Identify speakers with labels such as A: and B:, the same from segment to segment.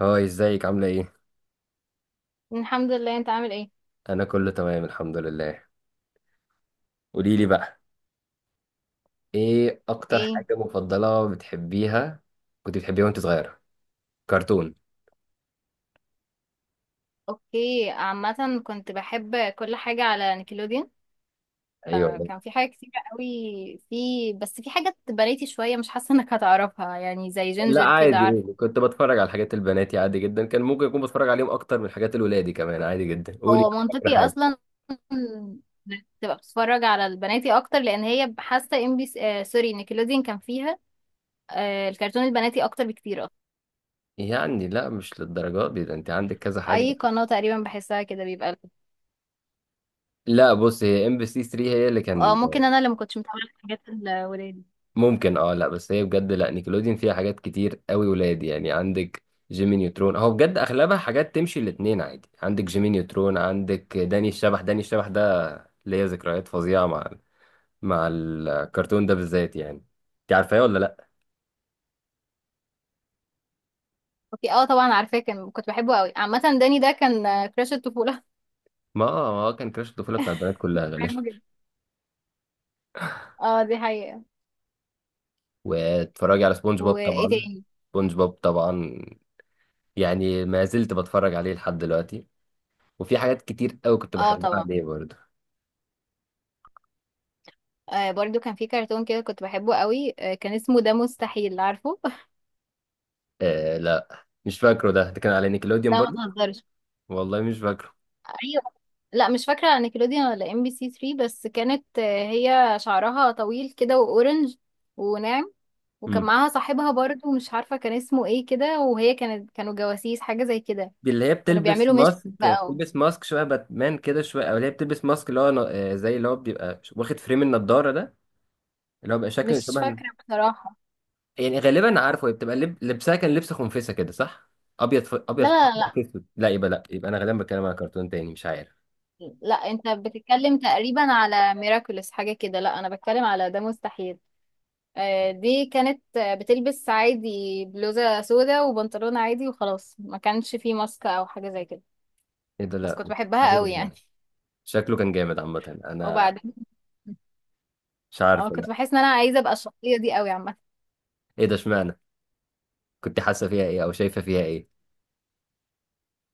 A: هاي ازيك عاملة ايه؟
B: الحمد لله، انت عامل ايه؟
A: انا كله تمام الحمد لله. قولي لي بقى ايه اكتر
B: ايه؟
A: حاجة مفضلة بتحبيها، كنت بتحبيها وانت صغيرة؟ كرتون.
B: اوكي، عامة كنت بحب كل حاجة على نيكلوديون.
A: ايوه،
B: كان في حاجة كتيرة قوي. في حاجة بناتي شوية، مش حاسة انك هتعرفها، يعني زي
A: لا
B: جينجر كده،
A: عادي
B: عارفة.
A: قولي، كنت بتفرج على حاجات البنات عادي جدا، كان ممكن اكون بتفرج عليهم اكتر من حاجات الولادي كمان عادي جدا. قولي
B: هو
A: اكتر
B: منطقي
A: حاجة.
B: اصلا انك تبقى بتتفرج على البناتي اكتر، لان هي حاسة ام بي آه سوري نيكلوديون كان فيها الكرتون البناتي اكتر بكتير اصلا.
A: يعني لا مش للدرجات دي، ده انت عندك كذا حاجة.
B: اي قناة تقريبا بحسها كده بيبقى.
A: لا بص، هي ام بي سي 3 هي اللي
B: اه،
A: كان.
B: ممكن انا اللي ما كنتش متابعة الحاجات الولاد.
A: ممكن، اه لا بس هي بجد، لا نيكلوديون فيها حاجات كتير قوي ولاد يعني. عندك جيمي نيوترون، هو بجد اغلبها حاجات تمشي الاتنين عادي. عندك جيمي نيوترون، عندك داني الشبح. داني الشبح ده ليا ذكريات فظيعة مع الكرتون ده بالذات يعني. انت عارفاه ولا لا؟
B: اوكي، اه، طبعا عارفاه، كنت بحبه قوي. عامة داني ده كان كراش الطفولة.
A: ما آه، ما هو كان كراش الطفولة بتاع البنات كلها
B: كنت
A: غالبا.
B: بحبه جدا. اه، دي حقيقة.
A: واتفرجي على سبونج بوب
B: وايه
A: طبعا.
B: تاني؟
A: سبونج بوب طبعا، يعني ما زلت بتفرج عليه لحد دلوقتي، وفي حاجات كتير قوي كنت
B: اه
A: بحبها
B: طبعا.
A: عليه برضه.
B: آه، برضو كان في كرتون كده كنت بحبه قوي، كان اسمه ده مستحيل عارفه.
A: آه لا مش فاكره ده، ده كان على نيكلوديون
B: لا،
A: برضه.
B: ما تهزرش.
A: والله مش فاكره.
B: ايوه. لا، مش فاكرة على نيكلوديان ولا ام بي سي 3. بس كانت هي شعرها طويل كده واورنج وناعم، وكان
A: امم
B: معاها صاحبها برضو، مش عارفة كان اسمه ايه كده. وهي كانوا جواسيس حاجة زي كده.
A: دي اللي هي
B: كانوا
A: بتلبس
B: بيعملوا مش
A: ماسك،
B: بقى
A: بتلبس ماسك شويه باتمان كده، شويه او اللي هي بتلبس ماسك اللي هو زي اللي هو بيبقى واخد فريم النضاره ده، اللي هو بيبقى شكل
B: مش
A: شبه.
B: فاكرة بصراحة.
A: يعني غالبا عارفه هي بتبقى لبسها كان لبس خنفسه كده صح؟ ابيض ابيض في
B: لا لا
A: احمر
B: لا.
A: في اسود. لا يبقى، انا غالبا بتكلم على كرتون تاني مش عارف.
B: لا، انت بتتكلم تقريبا على ميراكولس حاجة كده. لا، انا بتكلم على ده مستحيل. دي كانت بتلبس عادي بلوزة سودا وبنطلون عادي وخلاص، ما كانش فيه ماسك او حاجة زي كده.
A: ايه ده،
B: بس
A: لا
B: كنت
A: مش عارف
B: بحبها قوي يعني.
A: ده. شكله كان جامد عامه، انا
B: وبعدين.
A: مش
B: اه،
A: عارف
B: كنت
A: لا.
B: بحس ان انا عايزة ابقى الشخصية دي قوي عامة.
A: ايه ده، اشمعنى؟ كنت حاسه فيها ايه او شايفه فيها ايه؟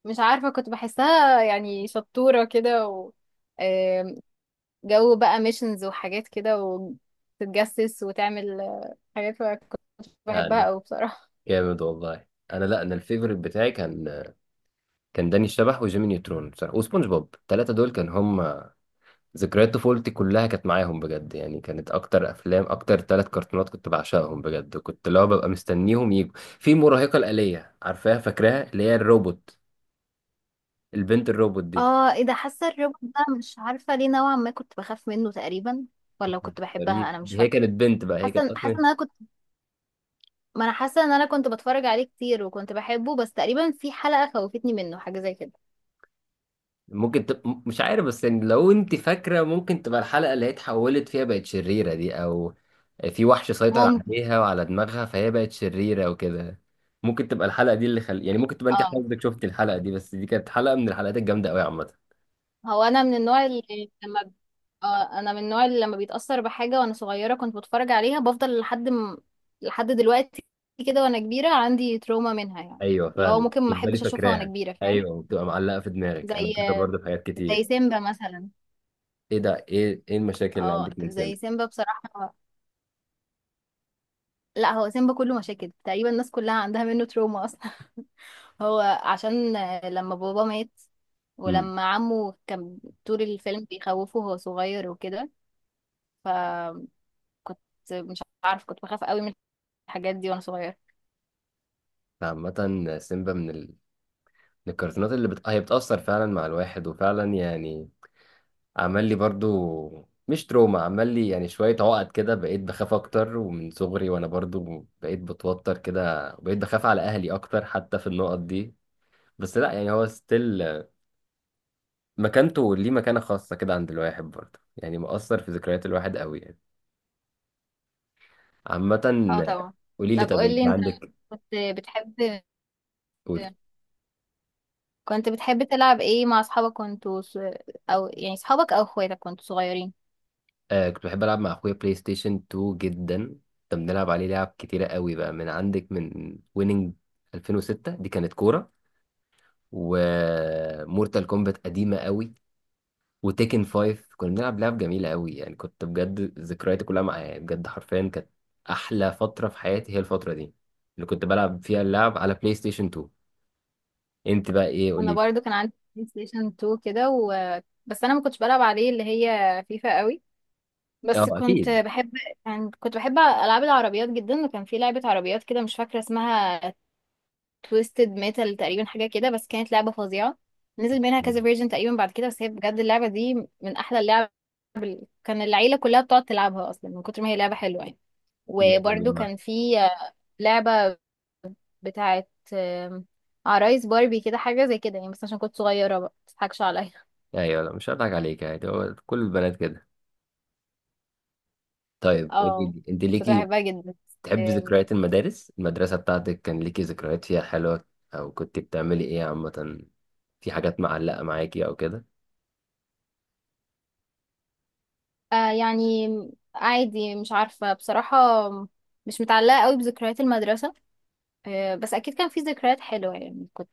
B: مش عارفة كنت بحسها يعني شطورة كده و آم، جو بقى ميشنز وحاجات كده وتتجسس وتعمل حاجات. كنت بحبها
A: يعني
B: قوي بصراحة.
A: جامد والله. انا، لا انا الفيفوريت بتاعي كان، داني الشبح وجيمي نيوترون بصراحة وسبونج بوب. الثلاثة دول كان هم ذكريات طفولتي كلها، كانت معاهم بجد يعني. كانت أكتر أفلام، أكتر ثلاث كرتونات كنت بعشقهم بجد، وكنت اللي هو ببقى مستنيهم يجوا. في مراهقة الآلية، عارفاها؟ فاكراها اللي هي الروبوت، البنت الروبوت دي؟
B: اه، ايه ده؟ حاسه الروبوت ده مش عارفه ليه نوعا ما كنت بخاف منه تقريبا، ولا
A: مكنتش،
B: كنت بحبها، انا مش
A: هي
B: فاكره.
A: كانت بنت بقى، هي كانت
B: حاسه
A: أصلا.
B: ان انا كنت، ما انا حاسه ان انا كنت بتفرج عليه كتير وكنت بحبه، بس تقريبا في حلقه خوفتني منه حاجه زي كده.
A: ممكن مش عارف بس يعني لو انت فاكره ممكن تبقى الحلقه اللي هي اتحولت فيها بقت شريره دي، او في وحش سيطر
B: ممكن،
A: عليها وعلى دماغها فهي بقت شريره وكده. ممكن تبقى الحلقه دي اللي يعني ممكن تبقى انت
B: اه.
A: حضرتك شفت الحلقه دي، بس دي كانت حلقه من الحلقات الجامده قوي عامه.
B: هو انا من النوع اللي لما ب- اه انا من النوع اللي لما بيتاثر بحاجه وانا صغيره كنت بتفرج عليها، بفضل لحد دلوقتي كده. وانا كبيره عندي تروما منها يعني،
A: ايوه
B: اللي هو
A: فاهم،
B: ممكن ما
A: تفضلي
B: احبش اشوفها وانا
A: فاكراها.
B: كبيره، فاهم.
A: ايوه، وبتبقى معلقه في دماغك. انا
B: زي
A: كده برضه في حاجات
B: زي
A: كتير.
B: سيمبا مثلا.
A: ايه ده، ايه ايه المشاكل اللي
B: اه،
A: عندك من
B: زي
A: سيمبا؟
B: سيمبا بصراحة. لا، هو سيمبا كله مشاكل تقريبا، الناس كلها عندها منه تروما اصلا. هو عشان لما بابا مات،
A: امم
B: ولما عمه كان طول الفيلم بيخوفه وهو صغير وكده، فمش عارف، كنت بخاف قوي من الحاجات دي وانا صغير.
A: عامه سيمبا من الكرتونات هي بتاثر فعلا مع الواحد، وفعلا يعني عمل لي برضو مش تروما، عمل لي يعني شوية عقد كده. بقيت بخاف أكتر، ومن صغري وأنا برضو بقيت بتوتر كده، وبقيت بخاف على أهلي أكتر حتى في النقط دي. بس لا يعني، هو ستيل مكانته ليه مكانة خاصة كده عند الواحد برضو، يعني مؤثر في ذكريات الواحد قوي يعني. عامة
B: اه طبعا.
A: قولي لي،
B: طب
A: طب
B: قول لي
A: أنت
B: انت،
A: عندك؟
B: كنت بتحب
A: قولي.
B: كنت بتحب تلعب ايه مع اصحابك، كنتوا او يعني اصحابك او اخواتك كنتوا صغيرين؟
A: كنت بحب ألعب مع أخويا بلاي ستيشن 2 جدا. كنا بنلعب عليه لعب كتيرة قوي بقى، من عندك من ويننج 2006، دي كانت كورة، ومورتال كومبات قديمة قوي، وتيكن فايف. كنا بنلعب لعب جميلة قوي يعني، كنت بجد ذكرياتي كلها معايا يعني، بجد حرفيا كانت أحلى فترة في حياتي هي الفترة دي، اللي كنت بلعب فيها اللعب على بلاي ستيشن 2. أنت بقى إيه،
B: انا
A: قولي.
B: برضو كان عندي بلاي ستيشن 2 كده بس انا ما كنتش بلعب عليه اللي هي فيفا قوي،
A: أه
B: بس كنت
A: أكيد.
B: بحب يعني كنت بحب العاب العربيات جدا. وكان في لعبة عربيات كده مش فاكرة اسمها، تويستد ميتال تقريبا حاجة كده، بس كانت لعبة فظيعة. نزل منها كذا فيرجن تقريبا بعد كده، بس هي بجد اللعبة دي من احلى اللعب. كان العيلة كلها بتقعد تلعبها اصلا من كتر ما هي لعبة حلوة يعني.
A: جامد
B: وبرضو
A: والله.
B: كان في لعبة بتاعت عرايس باربي كده حاجة زي كده يعني، بس عشان كنت صغيرة بقى متضحكش عليا.
A: أيوه، لا مش هضحك عليك، يعني هو كل البنات كده. طيب قولي
B: اه،
A: لي، أنت
B: كنت
A: ليكي،
B: بحبها جدا.
A: تحبي
B: آم،
A: ذكريات المدارس، المدرسة بتاعتك كان ليكي ذكريات فيها حلوة؟ أو كنت بتعملي إيه عامة، في حاجات معلقة معاكي أو كده؟
B: آه يعني عادي، مش عارفة بصراحة، مش متعلقة قوي بذكريات المدرسة. بس أكيد كان في ذكريات حلوة، يعني كنت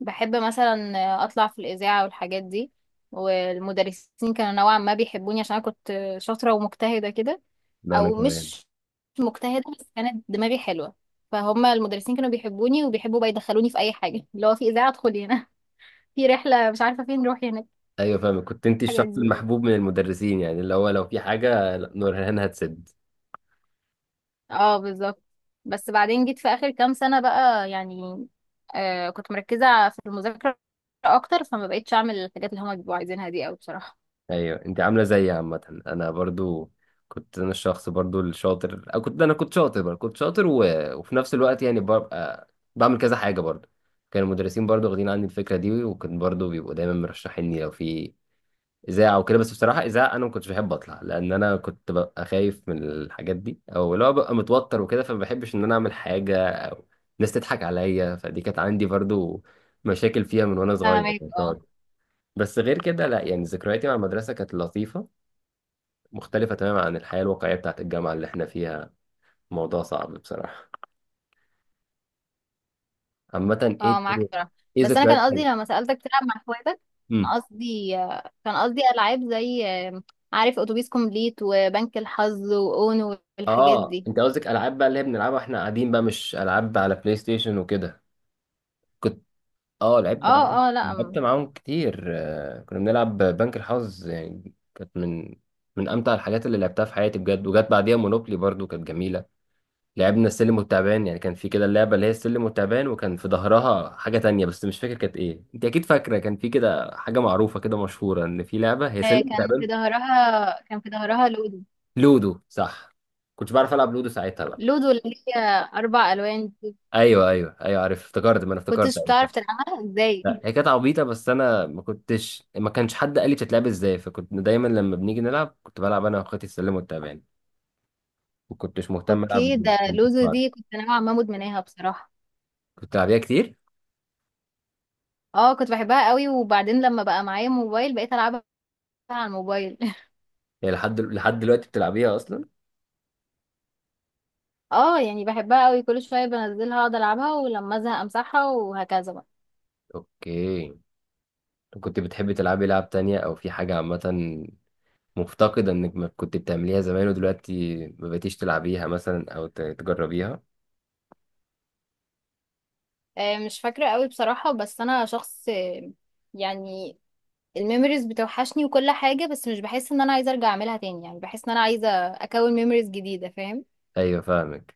B: بحب مثلا أطلع في الإذاعة والحاجات دي، والمدرسين كانوا نوعا ما بيحبوني عشان أنا كنت شاطرة ومجتهدة كده.
A: لا أنا
B: أو
A: كمان.
B: مش مجتهدة، بس كانت دماغي حلوة، فهم المدرسين كانوا بيحبوني وبيحبوا بقى يدخلوني في أي حاجة، اللي هو في إذاعة ادخلي هنا، في رحلة مش عارفة فين، روحي هناك.
A: ايوه فاهمك، كنت انت
B: الحاجات
A: الشخص
B: دي.
A: المحبوب من المدرسين، يعني اللي هو لو في حاجه، لا، نورهان هتسد.
B: اه، بالظبط. بس بعدين جيت في اخر كام سنة بقى يعني، كنت مركزة في المذاكرة اكتر، فما بقيتش اعمل الحاجات اللي هما بيبقوا عايزينها دي قوي بصراحة.
A: ايوه انت عامله زيي، عامه انا برضو كنت انا الشخص برضو الشاطر، أو كنت انا، كنت شاطر برضو. كنت شاطر، وفي نفس الوقت يعني ببقى بعمل كذا حاجه برضو. كان المدرسين برضو واخدين عني الفكره دي، وكان برضو بيبقوا دايما مرشحيني لو في اذاعه وكده. بس بصراحه اذاعه، انا ما كنتش بحب اطلع، لان انا كنت ببقى خايف من الحاجات دي، او لو ببقى متوتر وكده، فما بحبش ان انا اعمل حاجه او الناس تضحك عليا. فدي كانت عندي برضو مشاكل فيها من وانا صغير،
B: فاهمك،
A: كنت
B: اه.
A: أقعد. بس غير كده لا، يعني ذكرياتي مع المدرسه كانت لطيفه، مختلفه تماما عن الحياه الواقعيه بتاعت الجامعه اللي احنا فيها. موضوع صعب بصراحه. عامه ايه،
B: اه، معاك بصراحة.
A: ايه
B: بس انا كان
A: ذكريات
B: قصدي
A: حلوه.
B: لما سألتك تلعب مع اخواتك، كان
A: امم
B: قصدي آه، كان قصدي العاب زي، عارف، اتوبيس كومبليت وبنك الحظ واونو والحاجات
A: اه
B: دي.
A: انت قصدك العاب بقى اللي هي بنلعبها واحنا قاعدين بقى، مش العاب على بلاي ستيشن وكده. كنت، اه لعبت
B: اه
A: معاهم،
B: اه، لا،
A: كتير. كنا بنلعب بنك الحظ يعني، كانت من امتع الحاجات اللي لعبتها في حياتي بجد. وجت بعديها مونوبلي برضو كانت جميله. لعبنا السلم والتعبان يعني، كان في كده اللعبه اللي هي السلم والتعبان، وكان في ظهرها حاجه تانية بس مش فاكر كانت ايه. انت اكيد فاكره، كان في كده حاجه معروفه كده مشهوره ان في لعبه هي
B: آه،
A: سلم
B: كان في
A: وتعبان.
B: ظهرها كان في ظهرها لودو.
A: لودو صح. كنتش بعرف العب لودو ساعتها بقى.
B: لودو اللي هي اربع الوان دي.
A: ايوه ايوه ايوه عارف، افتكرت، ما انا افتكرت
B: كنتش
A: أيوه.
B: بتعرف تلعبها
A: لا
B: ازاي؟
A: هي كانت عبيطة، بس أنا ما كنتش، ما كانش حد قال لي بتتلعب إزاي، فكنت دايما لما بنيجي نلعب كنت بلعب أنا وأخواتي السلم والتعبان. ما كنتش مهتم
B: اوكي،
A: ألعب
B: ده
A: بالبنت
B: لوزو
A: بعض.
B: دي كنت نوعا ما مدمناها بصراحة.
A: كنت بتلعبيها كتير؟
B: اه، كنت بحبها قوي، وبعدين لما بقى معايا موبايل بقيت العبها على الموبايل.
A: يعني لحد دلوقتي بتلعبيها أصلا؟
B: اه يعني بحبها قوي، كل شوية بنزلها اقعد العبها، ولما ازهق امسحها وهكذا بقى.
A: أوكي. كنت بتحبي تلعبي لعب تانية، أو في حاجة عامة مفتقدة إنك ما كنت بتعمليها زمان ودلوقتي ما بقيتيش تلعبيها مثلا، أو تجربيها؟
B: مش فاكرة قوي بصراحة، بس انا شخص يعني الميموريز بتوحشني وكل حاجة، بس مش بحس ان انا عايزة ارجع اعملها تاني، يعني بحس ان انا عايزة اكون ميموريز جديدة، فاهم.
A: أيوة فاهمك.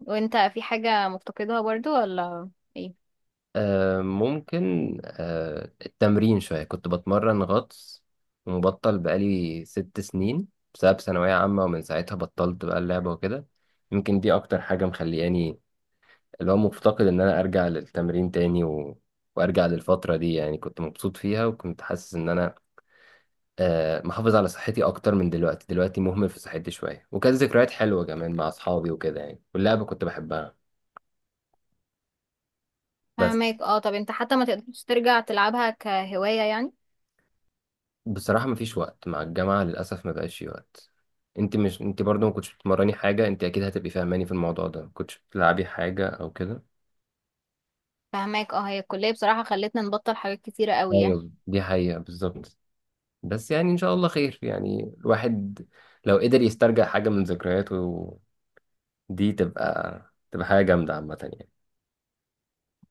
B: وانت في حاجة مفتقدها برضو ولا؟ ايه.
A: ممكن، التمرين شوية، كنت بتمرن غطس، ومبطل بقالي 6 سنين بسبب ثانوية عامة، ومن ساعتها بطلت بقى اللعبة وكده. يمكن دي أكتر حاجة مخلياني، اللي هو مفتقد إن أنا أرجع للتمرين تاني، وأرجع للفترة دي يعني، كنت مبسوط فيها وكنت حاسس إن أنا محافظ على صحتي أكتر من دلوقتي. دلوقتي مهمل في صحتي شوية، وكانت ذكريات حلوة كمان مع أصحابي وكده يعني، واللعبة كنت بحبها بس.
B: فاهمك، اه. طب انت حتى ما تقدرش ترجع تلعبها كهواية يعني؟
A: بصراحة مفيش وقت مع الجامعة للأسف، ما بقاش في وقت. انت مش، انت برضو ما كنتش بتمرني حاجة، انت اكيد هتبقي فاهماني في الموضوع ده، ما كنتش بتلعبي حاجة او كده؟
B: فهماك، اه. هي الكلية بصراحة خلتنا نبطل حاجات كتيرة قوي يعني.
A: ايوه دي حقيقة بالظبط. بس يعني ان شاء الله خير، يعني الواحد لو قدر يسترجع حاجة من ذكرياته دي، تبقى حاجة جامدة عامة يعني.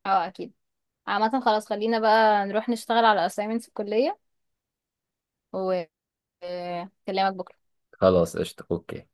B: اه، اكيد. عامة خلاص، خلينا بقى نروح نشتغل على assignments الكلية وكلامك بكرة.
A: خلاص قشطة، اوكي.